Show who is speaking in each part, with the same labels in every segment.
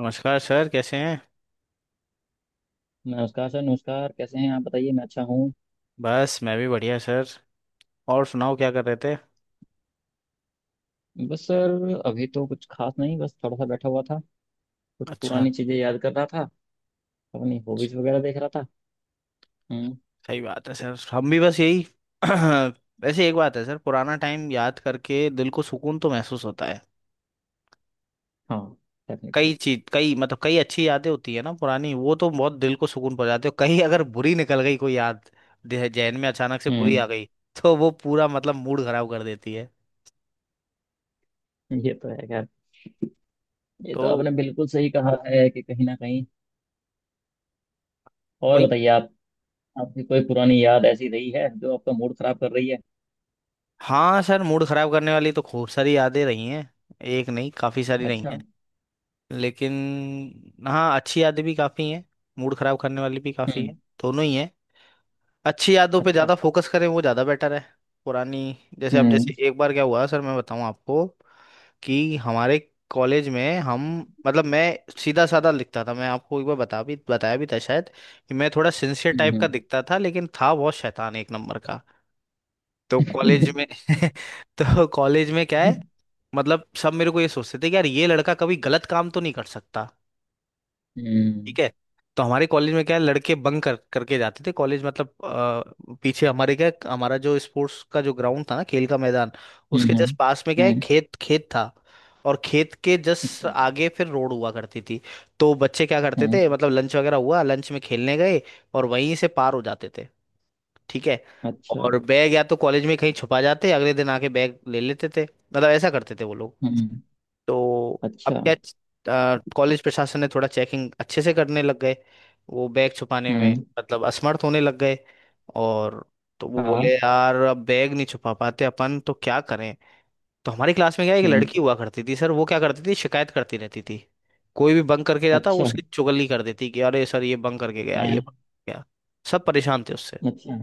Speaker 1: नमस्कार सर, कैसे हैं।
Speaker 2: नमस्कार सर। नमस्कार। कैसे हैं आप? बताइए, मैं अच्छा हूँ।
Speaker 1: बस मैं भी बढ़िया सर। और सुनाओ क्या कर रहे थे।
Speaker 2: बस सर, अभी तो कुछ खास नहीं, बस थोड़ा सा बैठा हुआ था। कुछ
Speaker 1: अच्छा।
Speaker 2: पुरानी चीजें याद कर रहा था, अपनी हॉबीज वगैरह देख रहा था। हम्म।
Speaker 1: सही बात है सर, हम भी बस यही। वैसे एक बात है सर, पुराना टाइम याद करके दिल को सुकून तो महसूस होता है।
Speaker 2: हाँ।
Speaker 1: कई
Speaker 2: डेफिनेटली।
Speaker 1: चीज, कई मतलब कई अच्छी यादें होती है ना पुरानी, वो तो बहुत दिल को सुकून पहुंचाती है। कहीं अगर बुरी निकल गई कोई याद, जहन में अचानक से बुरी
Speaker 2: हम्म।
Speaker 1: आ गई, तो वो पूरा मतलब मूड खराब कर देती है।
Speaker 2: ये तो है खैर। ये
Speaker 1: तो।
Speaker 2: तो आपने बिल्कुल सही कहा है कि कहीं ना कहीं। और
Speaker 1: भाई।
Speaker 2: बताइए आप, आपकी कोई पुरानी याद ऐसी रही है जो आपका मूड खराब कर रही है?
Speaker 1: हाँ सर, मूड खराब करने वाली तो खूब सारी यादें रही हैं। एक नहीं, काफी सारी रही
Speaker 2: अच्छा।
Speaker 1: हैं। लेकिन हाँ, अच्छी यादें भी काफ़ी हैं। मूड खराब करने वाली भी काफ़ी
Speaker 2: हम्म।
Speaker 1: हैं। दोनों ही हैं। अच्छी यादों पे
Speaker 2: अच्छा।
Speaker 1: ज़्यादा फोकस करें वो ज़्यादा बेटर है। पुरानी। जैसे अब
Speaker 2: हम्म।
Speaker 1: जैसे एक बार क्या हुआ सर, मैं बताऊँ आपको। कि हमारे कॉलेज में हम, मतलब मैं, सीधा साधा लिखता था। मैं आपको एक बार बताया भी था शायद कि मैं थोड़ा सिंसियर टाइप
Speaker 2: हम्म।
Speaker 1: का दिखता था, लेकिन था बहुत शैतान एक नंबर का। तो कॉलेज
Speaker 2: हम्म।
Speaker 1: में तो कॉलेज में क्या है, मतलब सब मेरे को ये सोचते थे कि यार ये लड़का कभी गलत काम तो नहीं कर सकता।
Speaker 2: हम्म।
Speaker 1: ठीक है। तो हमारे कॉलेज में क्या है, लड़के बंक कर करके जाते थे कॉलेज, मतलब पीछे हमारे क्या है, हमारा जो स्पोर्ट्स का जो ग्राउंड था ना, खेल का मैदान, उसके
Speaker 2: हम्म।
Speaker 1: जस्ट पास में क्या है,
Speaker 2: हम्म,
Speaker 1: खेत खेत था। और खेत के जस्ट
Speaker 2: अच्छा।
Speaker 1: आगे फिर रोड हुआ करती थी। तो बच्चे क्या करते
Speaker 2: हम्म।
Speaker 1: थे, मतलब लंच वगैरह हुआ, लंच में खेलने गए और वहीं से पार हो जाते थे। ठीक है।
Speaker 2: अच्छा।
Speaker 1: और बैग या तो कॉलेज में कहीं छुपा जाते, अगले दिन आके बैग ले लेते थे, मतलब ऐसा करते थे वो लोग।
Speaker 2: हम्म।
Speaker 1: तो अब
Speaker 2: अच्छा।
Speaker 1: क्या, कॉलेज प्रशासन ने थोड़ा चेकिंग अच्छे से करने लग गए, वो बैग छुपाने में
Speaker 2: हम्म।
Speaker 1: मतलब असमर्थ होने लग गए। और तो वो
Speaker 2: हाँ।
Speaker 1: बोले यार अब बैग नहीं छुपा पाते अपन, तो क्या करें। तो हमारी क्लास में क्या है, एक
Speaker 2: हम्म।
Speaker 1: लड़की हुआ करती थी सर, वो क्या करती थी, शिकायत करती रहती थी। कोई भी बंक करके जाता वो
Speaker 2: अच्छा।
Speaker 1: उसकी चुगली कर देती कि अरे सर, ये बंक करके गया, ये बंक
Speaker 2: हाँ।
Speaker 1: करके गया। सब परेशान थे उससे।
Speaker 2: अच्छा।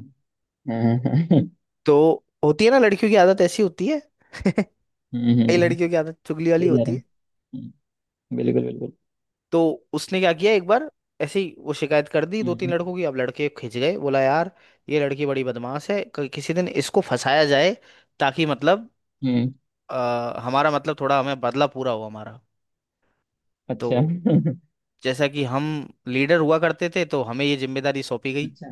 Speaker 2: हाँ। हाँ।
Speaker 1: तो होती है ना, लड़कियों की आदत ऐसी होती है। कई
Speaker 2: हम्म। हम्म।
Speaker 1: लड़कियों की आदत चुगली वाली
Speaker 2: सही कह
Speaker 1: होती
Speaker 2: रहे हैं।
Speaker 1: है।
Speaker 2: हम्म। बिल्कुल बिल्कुल।
Speaker 1: तो उसने क्या किया एक बार, ऐसे ही वो शिकायत कर दी दो तीन
Speaker 2: हम्म।
Speaker 1: लड़कों की। अब लड़के खिंच गए, बोला यार ये लड़की बड़ी बदमाश है, किसी दिन इसको फंसाया जाए ताकि मतलब
Speaker 2: हम्म।
Speaker 1: अ, हमारा मतलब थोड़ा हमें बदला पूरा हो हमारा। तो
Speaker 2: अच्छा।
Speaker 1: जैसा कि हम लीडर हुआ करते थे, तो हमें ये जिम्मेदारी सौंपी गई।
Speaker 2: अच्छा।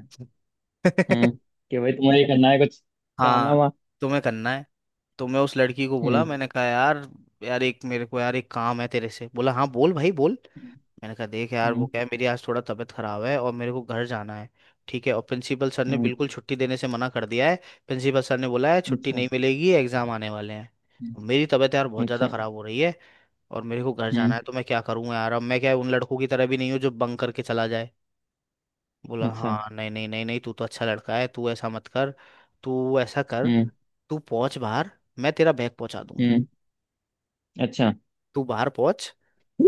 Speaker 2: हम्म। कि भाई तुम्हें ये करना है कुछ
Speaker 1: हाँ,
Speaker 2: कारनामा।
Speaker 1: तुम्हें करना है। तो मैं उस लड़की को बोला,
Speaker 2: हम्म।
Speaker 1: मैंने कहा यार, यार एक मेरे को यार एक काम है तेरे से। बोला हाँ बोल भाई बोल। मैंने कहा देख यार, वो
Speaker 2: हम्म।
Speaker 1: क्या है, मेरी आज थोड़ा तबीयत खराब है और मेरे को घर जाना है। ठीक है, और प्रिंसिपल सर ने
Speaker 2: हम्म।
Speaker 1: बिल्कुल छुट्टी देने से मना कर दिया है। प्रिंसिपल सर ने बोला है छुट्टी
Speaker 2: अच्छा।
Speaker 1: नहीं मिलेगी, एग्जाम आने वाले हैं।
Speaker 2: हम्म।
Speaker 1: मेरी तबीयत यार बहुत ज़्यादा
Speaker 2: अच्छा।
Speaker 1: ख़राब हो रही है और मेरे को घर जाना
Speaker 2: हम्म।
Speaker 1: है, तो मैं क्या करूँगा यार। अब मैं क्या उन लड़कों की तरह भी नहीं हूँ जो बंक करके चला जाए। बोला
Speaker 2: अच्छा।
Speaker 1: हाँ नहीं नहीं नहीं नहीं, तू तो अच्छा लड़का है, तू ऐसा मत कर। तू ऐसा कर,
Speaker 2: हम्म।
Speaker 1: तू पहुंच बाहर, मैं तेरा बैग पहुंचा दूंगी।
Speaker 2: हम्म। अच्छा।
Speaker 1: तू बाहर पहुंच,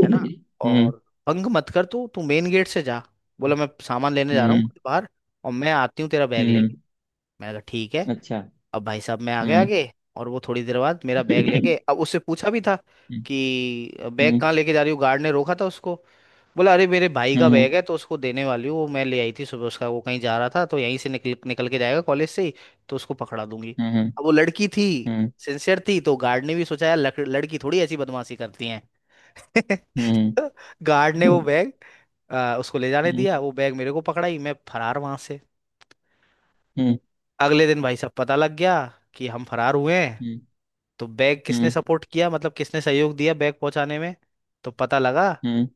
Speaker 1: है ना।
Speaker 2: हम्म।
Speaker 1: और बंग मत कर, तू तू मेन गेट से जा। बोला मैं सामान लेने जा रहा हूँ
Speaker 2: हम्म।
Speaker 1: कुछ बाहर, और मैं आती हूँ तेरा बैग
Speaker 2: हम्म।
Speaker 1: लेके। मैंने कहा ठीक है।
Speaker 2: अच्छा।
Speaker 1: अब भाई साहब मैं आ गया
Speaker 2: हम्म।
Speaker 1: आगे, और वो थोड़ी देर बाद मेरा बैग लेके, अब उससे पूछा भी था
Speaker 2: हम्म।
Speaker 1: कि बैग
Speaker 2: हम्म।
Speaker 1: कहाँ लेके जा रही हूँ, गार्ड ने रोका था उसको। बोला अरे मेरे भाई का
Speaker 2: हम्म।
Speaker 1: बैग है, तो उसको देने वाली हूँ, वो मैं ले आई थी सुबह उसका, वो कहीं जा रहा था तो यहीं से निकल निकल के जाएगा कॉलेज से ही, तो उसको पकड़ा दूंगी।
Speaker 2: हम्म।
Speaker 1: अब वो लड़की थी,
Speaker 2: हम्म।
Speaker 1: सिंसियर थी, तो गार्ड ने भी सोचा यार लड़की थोड़ी ऐसी बदमाशी करती हैं।
Speaker 2: हम्म।
Speaker 1: गार्ड ने वो बैग उसको ले जाने
Speaker 2: हम्म।
Speaker 1: दिया। वो बैग मेरे को पकड़ाई, मैं फरार वहां से।
Speaker 2: हम्म।
Speaker 1: अगले दिन भाई साहब पता लग गया कि हम फरार हुए हैं।
Speaker 2: हम्म।
Speaker 1: तो बैग किसने सपोर्ट किया, मतलब किसने सहयोग दिया बैग पहुंचाने में। तो पता लगा
Speaker 2: हम्म।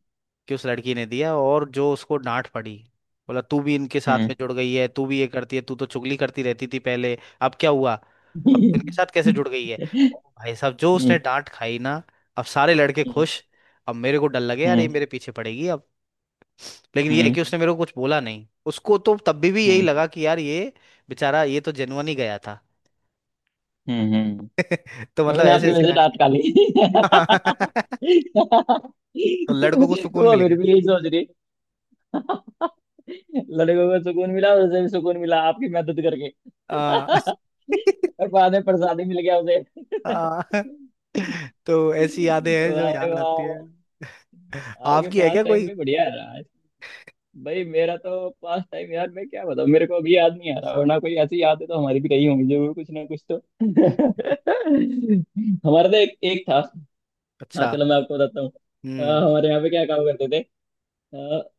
Speaker 1: कि उस लड़की ने दिया, और जो उसको डांट पड़ी। बोला तू भी इनके साथ
Speaker 2: हम्म।
Speaker 1: में जुड़ गई है, तू भी ये करती है, तू तो चुगली करती रहती थी पहले, अब क्या हुआ, अब तू
Speaker 2: हम्म।
Speaker 1: इनके साथ कैसे जुड़ गई है। और भाई साहब जो उसने
Speaker 2: हम्म।
Speaker 1: डांट खाई ना। अब सारे लड़के
Speaker 2: हम्म।
Speaker 1: खुश। अब मेरे को डर लगे यार, ये
Speaker 2: हम्म।
Speaker 1: मेरे पीछे पड़ेगी अब। लेकिन ये है
Speaker 2: हम्म।
Speaker 1: कि उसने मेरे को कुछ बोला नहीं, उसको तो तब भी यही
Speaker 2: हम्म।
Speaker 1: लगा कि यार ये बेचारा ये तो जेनुअन ही गया था।
Speaker 2: हम्म। हम्म।
Speaker 1: तो मतलब
Speaker 2: उसने
Speaker 1: ऐसे
Speaker 2: आपकी
Speaker 1: ऐसे
Speaker 2: वजह से
Speaker 1: कांड
Speaker 2: दांत
Speaker 1: के।
Speaker 2: काली।
Speaker 1: तो लड़कों को सुकून
Speaker 2: वो
Speaker 1: मिल
Speaker 2: फिर
Speaker 1: गया।
Speaker 2: भी यही सोच रही। लड़कों को सुकून मिला, उसे भी सुकून मिला आपकी मदद करके।
Speaker 1: आ,
Speaker 2: और बाद में प्रसाद ही मिल गया उसे।
Speaker 1: आ, तो ऐसी यादें हैं जो
Speaker 2: वाह भाई
Speaker 1: याद आती है।
Speaker 2: वाह। आपके
Speaker 1: आपकी है
Speaker 2: पास
Speaker 1: क्या
Speaker 2: टाइम
Speaker 1: कोई।
Speaker 2: पे बढ़िया है। भाई मेरा तो पास टाइम, यार मैं क्या बताऊं, मेरे को अभी याद नहीं आ रहा, वरना कोई ऐसी यादें तो हमारी भी रही होंगी जरूर, कुछ ना कुछ तो। हमारा तो एक एक था। हाँ,
Speaker 1: अच्छा।
Speaker 2: चलो मैं आपको बताता हूँ।
Speaker 1: हम्म।
Speaker 2: हमारे यहाँ पे क्या काम करते थे। अ,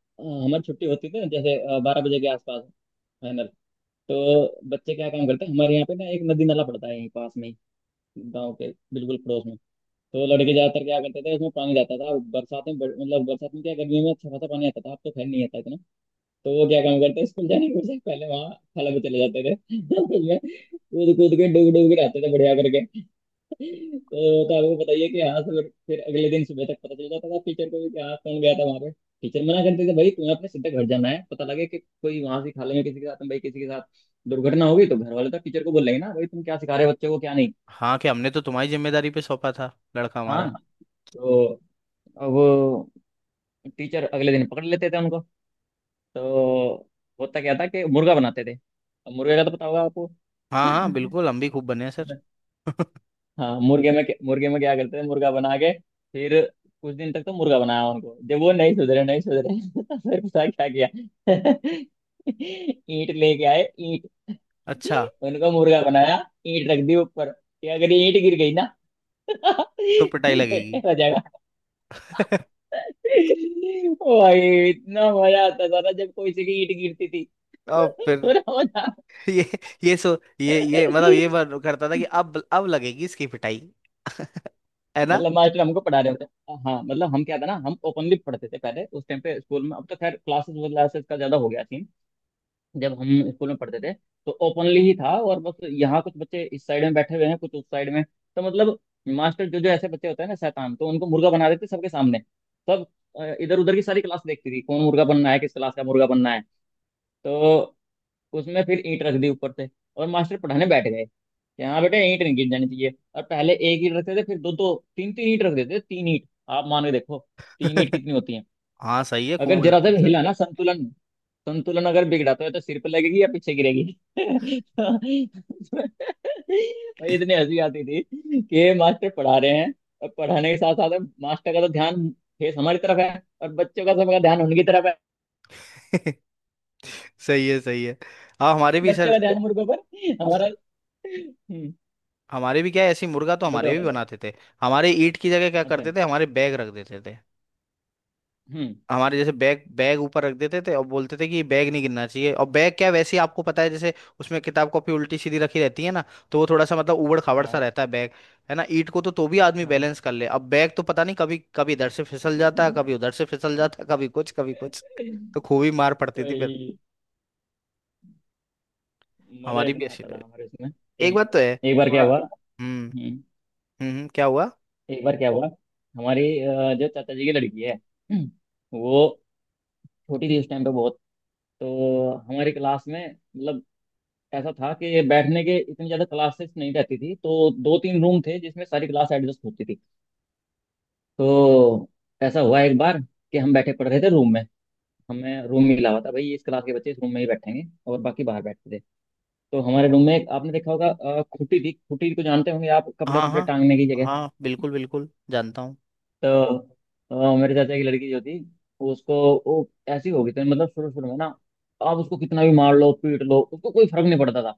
Speaker 2: हमारी छुट्टी होती थी ना जैसे 12 बजे के आसपास फाइनल। तो बच्चे क्या काम करते हैं, हमारे यहाँ पे ना एक नदी नाला पड़ता है यहीं पास में ही, गाँव के बिल्कुल पड़ोस में। तो लड़के ज्यादातर क्या करते थे, उसमें पानी जाता था बरसात में मतलब बरसात में क्या गर्मी में अच्छा खासा पानी आता था, अब तो खैर नहीं आता। तो वो क्या काम करते, स्कूल जाने के से पहले वहाँ खाला पे चले जाते थे, उसमें कूद कूद के डूब डूब के रहते थे बढ़िया करके। तो आपको बताइए कि हाँ सर, फिर अगले दिन सुबह तक पता चल जाता था टीचर को भी कि हाँ कौन गया था वहाँ पे। टीचर मना करते थे भाई तुम्हें अपने सीधे घर जाना है, पता लगे कि कोई वहां से खाले में किसी के साथ, भाई किसी के साथ दुर्घटना हो गई तो घर वाले तो टीचर को बोलेंगे ना, भाई तुम क्या सिखा रहे हो बच्चे को क्या नहीं।
Speaker 1: हाँ, कि हमने तो तुम्हारी जिम्मेदारी पे सौंपा था, लड़का
Speaker 2: हाँ।
Speaker 1: हमारा।
Speaker 2: तो अब टीचर अगले दिन पकड़ लेते थे उनको। तो होता क्या था कि मुर्गा बनाते थे। अब मुर्गे का तो पता होगा आपको।
Speaker 1: हाँ हाँ, बिल्कुल, हम भी खूब बने हैं सर।
Speaker 2: हाँ, मुर्गे में मुर्गे में क्या करते थे मुर्गा बना के, फिर कुछ दिन तक तो मुर्गा बनाया उनको, जब वो नहीं सुधरे नहीं सुधरे। तो फिर पता है क्या किया? ईंट लेके आए, ईंट
Speaker 1: अच्छा।
Speaker 2: उनको मुर्गा बनाया, ईंट रख दी ऊपर कि अगर ये ईंट गिर गई ना,
Speaker 1: तो पिटाई
Speaker 2: तो बेटे
Speaker 1: लगेगी।
Speaker 2: हो जाएगा। ओ भाई, इतना मजा आता था ना जब कोई सी की ईंट गिरती थी।
Speaker 1: अब फिर
Speaker 2: पूरा मजा।
Speaker 1: ये ये सो ये मतलब ये बात करता था कि अब लगेगी इसकी पिटाई। है ना।
Speaker 2: मतलब मास्टर हमको पढ़ा रहे होते। हाँ हाँ, मतलब हम क्या था ना, हम ओपनली पढ़ते थे पहले उस टाइम पे स्कूल में, अब तो खैर क्लासेस क्लासेस का ज्यादा हो गया सीन। जब हम स्कूल में पढ़ते थे तो ओपनली ही था, और बस यहाँ कुछ बच्चे इस साइड में बैठे हुए हैं कुछ उस साइड में। तो मतलब मास्टर जो जो ऐसे बच्चे होते हैं ना शैतान, तो उनको मुर्गा बना देते सबके सामने। सब इधर उधर की सारी क्लास देखती थी कौन मुर्गा बनना है, किस क्लास का मुर्गा बनना है। तो उसमें फिर ईंट रख दी ऊपर से, और मास्टर पढ़ाने बैठ गए। यहाँ बेटे ईंट नहीं गिर जानी चाहिए, और पहले एक ईंट रखते थे फिर दो दो तीन तीन ईंट रख देते थे। तीन ईंट आप मान के देखो, तीन ईंट कितनी होती है।
Speaker 1: हाँ सही है, खूब
Speaker 2: अगर
Speaker 1: हो
Speaker 2: जरा
Speaker 1: जाते
Speaker 2: सा
Speaker 1: हैं
Speaker 2: भी
Speaker 1: सर।
Speaker 2: हिला ना संतुलन, संतुलन अगर बिगड़ा तो या तो सिर पे लगेगी या पीछे गिरेगी। और इतनी हंसी आती थी कि मास्टर पढ़ा रहे हैं, और पढ़ाने के साथ साथ मास्टर का तो ध्यान, फेस हमारी तरफ है, और बच्चों का सबका ध्यान उनकी तरफ है।
Speaker 1: सही है, सही है। हाँ हमारे भी
Speaker 2: बच्चों
Speaker 1: सर।
Speaker 2: का ध्यान मुर्गों पर, हमारा। हम्म।
Speaker 1: हमारे भी क्या है, ऐसी मुर्गा तो
Speaker 2: बताओ
Speaker 1: हमारे भी
Speaker 2: बताओ।
Speaker 1: बनाते थे। हमारे ईंट की जगह क्या
Speaker 2: अच्छा।
Speaker 1: करते थे, हमारे बैग रख देते थे।
Speaker 2: हम्म।
Speaker 1: हमारे जैसे बैग बैग ऊपर रख देते थे, और बोलते थे कि बैग नहीं गिरना चाहिए। और बैग क्या, वैसे ही आपको पता है, जैसे उसमें किताब कॉपी उल्टी सीधी रखी रहती है ना, तो वो थोड़ा सा मतलब ऊबड़ खाबड़ सा
Speaker 2: हाँ
Speaker 1: रहता है बैग। है ना, ईंट को तो भी आदमी
Speaker 2: हाँ।
Speaker 1: बैलेंस कर ले, अब बैग तो पता नहीं, कभी कभी इधर से फिसल जाता है, कभी उधर से फिसल जाता है, कभी कुछ कभी कुछ। तो खूब ही मार पड़ती थी फिर।
Speaker 2: वही मजा
Speaker 1: हमारी भी
Speaker 2: इतना
Speaker 1: ऐसी
Speaker 2: आता था
Speaker 1: रही।
Speaker 2: हमारे उसमें।
Speaker 1: एक
Speaker 2: एक
Speaker 1: बात तो है
Speaker 2: एक बार क्या
Speaker 1: थोड़ा।
Speaker 2: हुआ?
Speaker 1: हम्म।
Speaker 2: हम्म,
Speaker 1: क्या हुआ।
Speaker 2: एक बार क्या हुआ। हमारी जो चाचा जी की लड़की है, वो छोटी थी उस टाइम पे बहुत। तो हमारी क्लास में मतलब ऐसा था कि बैठने के इतनी ज्यादा क्लासेस नहीं रहती थी, तो दो तीन रूम थे जिसमें सारी क्लास एडजस्ट होती थी। तो ऐसा हुआ एक बार कि हम बैठे पढ़ रहे थे रूम में, हमें रूम मिला हुआ था भाई इस क्लास के बच्चे इस रूम में ही बैठेंगे, और बाकी बाहर बैठते थे। तो हमारे रूम में एक आपने देखा होगा खुटी थी, खुटी को जानते होंगे आप,
Speaker 1: हाँ
Speaker 2: कपड़े कपड़े
Speaker 1: हाँ
Speaker 2: टांगने की जगह।
Speaker 1: हाँ, बिल्कुल बिल्कुल, जानता हूँ।
Speaker 2: तो मेरे चाचा की लड़की जो थी, उसको, वो ऐसी हो गई थी मतलब शुरू शुरू में ना, आप उसको कितना भी मार लो पीट लो उसको कोई फर्क नहीं पड़ता था।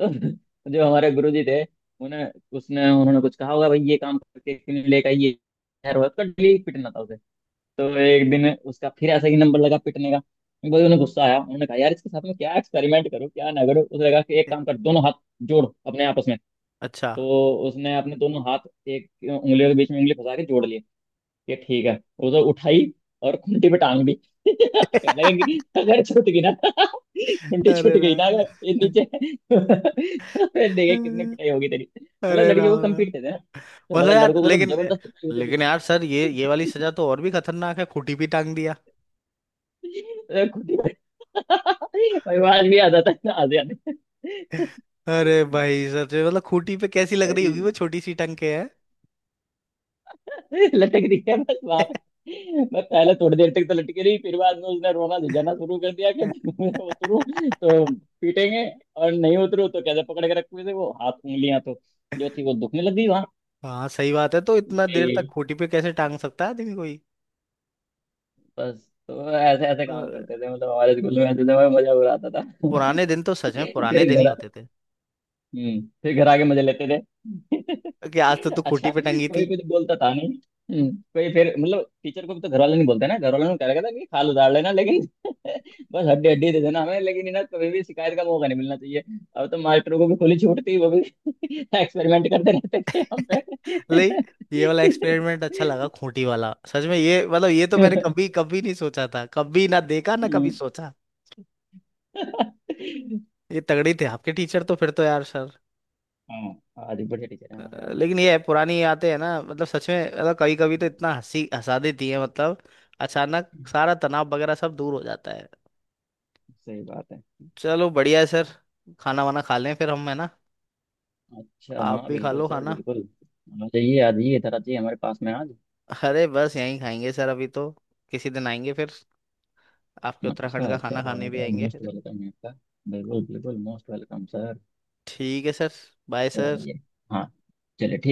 Speaker 2: तो जो हमारे गुरुजी थे, उन्हें, उसने उन्होंने कुछ कहा होगा भाई ये काम करके क्यों नहीं लेकर आई, ये खैर हुआ उसका डेली पीटना था उसे। तो एक दिन उसका फिर ऐसा ही नंबर लगा पीटने का। भाई उन्हें गुस्सा आया, उन्होंने कहा यार इसके साथ में क्या एक्सपेरिमेंट करो क्या ना करो। उसने कहा कि एक काम कर दोनों हाथ जोड़ अपने आपस में।
Speaker 1: अच्छा।
Speaker 2: तो उसने अपने दोनों हाथ एक उंगलियों के बीच में उंगली फंसा के जोड़ लिए। ये ठीक है। उसे उठाई और खूंटी पे टांग दी। कहने लगा कि अगर छूट गई ना, खूंटी छूट
Speaker 1: अरे
Speaker 2: गई ना
Speaker 1: राम।
Speaker 2: अगर ये नीचे, फिर देखे कितनी पिटाई होगी तेरी। मतलब
Speaker 1: अरे
Speaker 2: लड़के को
Speaker 1: राम।
Speaker 2: कम्पीट थे ना, थोड़ा
Speaker 1: मतलब
Speaker 2: सा
Speaker 1: यार,
Speaker 2: लड़कों को तो
Speaker 1: लेकिन
Speaker 2: जबरदस्त पिटाई होती थी।
Speaker 1: लेकिन यार सर, ये वाली सजा तो और भी खतरनाक है, खूंटी पे टांग दिया।
Speaker 2: अरे खूंटी पे! भाई वो आज भी आ जाता है ना, आज याद है।
Speaker 1: अरे भाई सच में, मतलब खूंटी पे कैसी लग रही
Speaker 2: भाई
Speaker 1: होगी वो, छोटी सी टंग के है।
Speaker 2: लटक रही है बस वहां पे। मैं पहले थोड़ी देर तक तो लटकी रही, फिर बाद में उसने रोना झिझाना शुरू कर दिया कि मैं उतरू तो पीटेंगे, और नहीं उतरू तो कैसे पकड़ के रखे थे वो हाथ, उंगलियां तो जो थी वो दुखने लगी वहां।
Speaker 1: हाँ सही बात है, तो इतना देर तक
Speaker 2: ए,
Speaker 1: खूंटी पे कैसे टांग सकता है आदमी कोई।
Speaker 2: बस तो ऐसे ऐसे
Speaker 1: अ,
Speaker 2: काम करते थे मतलब हमारे स्कूल में, ऐसे समय मजा उड़ाता था।
Speaker 1: पुराने दिन तो सच में पुराने
Speaker 2: फिर
Speaker 1: दिन ही
Speaker 2: घर,
Speaker 1: होते थे।
Speaker 2: फिर घर आके मजे लेते थे।
Speaker 1: कि आज तो तू खूंटी
Speaker 2: अच्छा
Speaker 1: पे टंगी
Speaker 2: कोई
Speaker 1: थी।
Speaker 2: कुछ बोलता था नहीं? कोई फिर मतलब टीचर को भी तो घर वाले नहीं बोलते ना, घर वालों ने कह रखा था कि खाल उतार लेना लेकिन, बस हड्डी हड्डी दे देना हमें लेकिन ना, कभी भी शिकायत का मौका नहीं मिलना चाहिए। अब तो मास्टरों को भी खुली छूट थी, वो भी एक्सपेरिमेंट करते रहते थे हम पे।
Speaker 1: ले, ये वाला एक्सपेरिमेंट अच्छा लगा, खूंटी वाला सच में। ये मतलब ये तो मैंने कभी कभी नहीं सोचा था, कभी ना देखा ना कभी
Speaker 2: हम्म।
Speaker 1: सोचा। ये तगड़ी थे आपके टीचर तो फिर तो यार।
Speaker 2: हाँ, आज भी बढ़िया टीचर है हमारे आज।
Speaker 1: लेकिन ये पुरानी यादें है ना, मतलब सच में, मतलब कभी कभी तो
Speaker 2: हम्म,
Speaker 1: इतना हंसी हंसा देती है मतलब, अचानक सारा तनाव वगैरह सब दूर हो जाता है।
Speaker 2: सही बात है।
Speaker 1: चलो बढ़िया है सर, खाना वाना खा लें फिर हम, है ना।
Speaker 2: अच्छा
Speaker 1: आप
Speaker 2: हाँ
Speaker 1: भी खा
Speaker 2: बिल्कुल
Speaker 1: लो
Speaker 2: सर
Speaker 1: खाना।
Speaker 2: बिल्कुल। आ जाइए आ जाइए, इधर आ जाइए हमारे पास में आज।
Speaker 1: अरे बस यहीं खाएंगे सर अभी तो, किसी दिन आएंगे फिर, आपके
Speaker 2: अच्छा
Speaker 1: उत्तराखंड का खाना
Speaker 2: चलो,
Speaker 1: खाने भी
Speaker 2: अच्छा
Speaker 1: आएंगे
Speaker 2: मोस्ट
Speaker 1: फिर।
Speaker 2: वेलकम है आपका। बिल्कुल बिल्कुल मोस्ट वेलकम सर।
Speaker 1: ठीक है सर। Bye sir.
Speaker 2: चलिए। हाँ। चलिए ठीक है।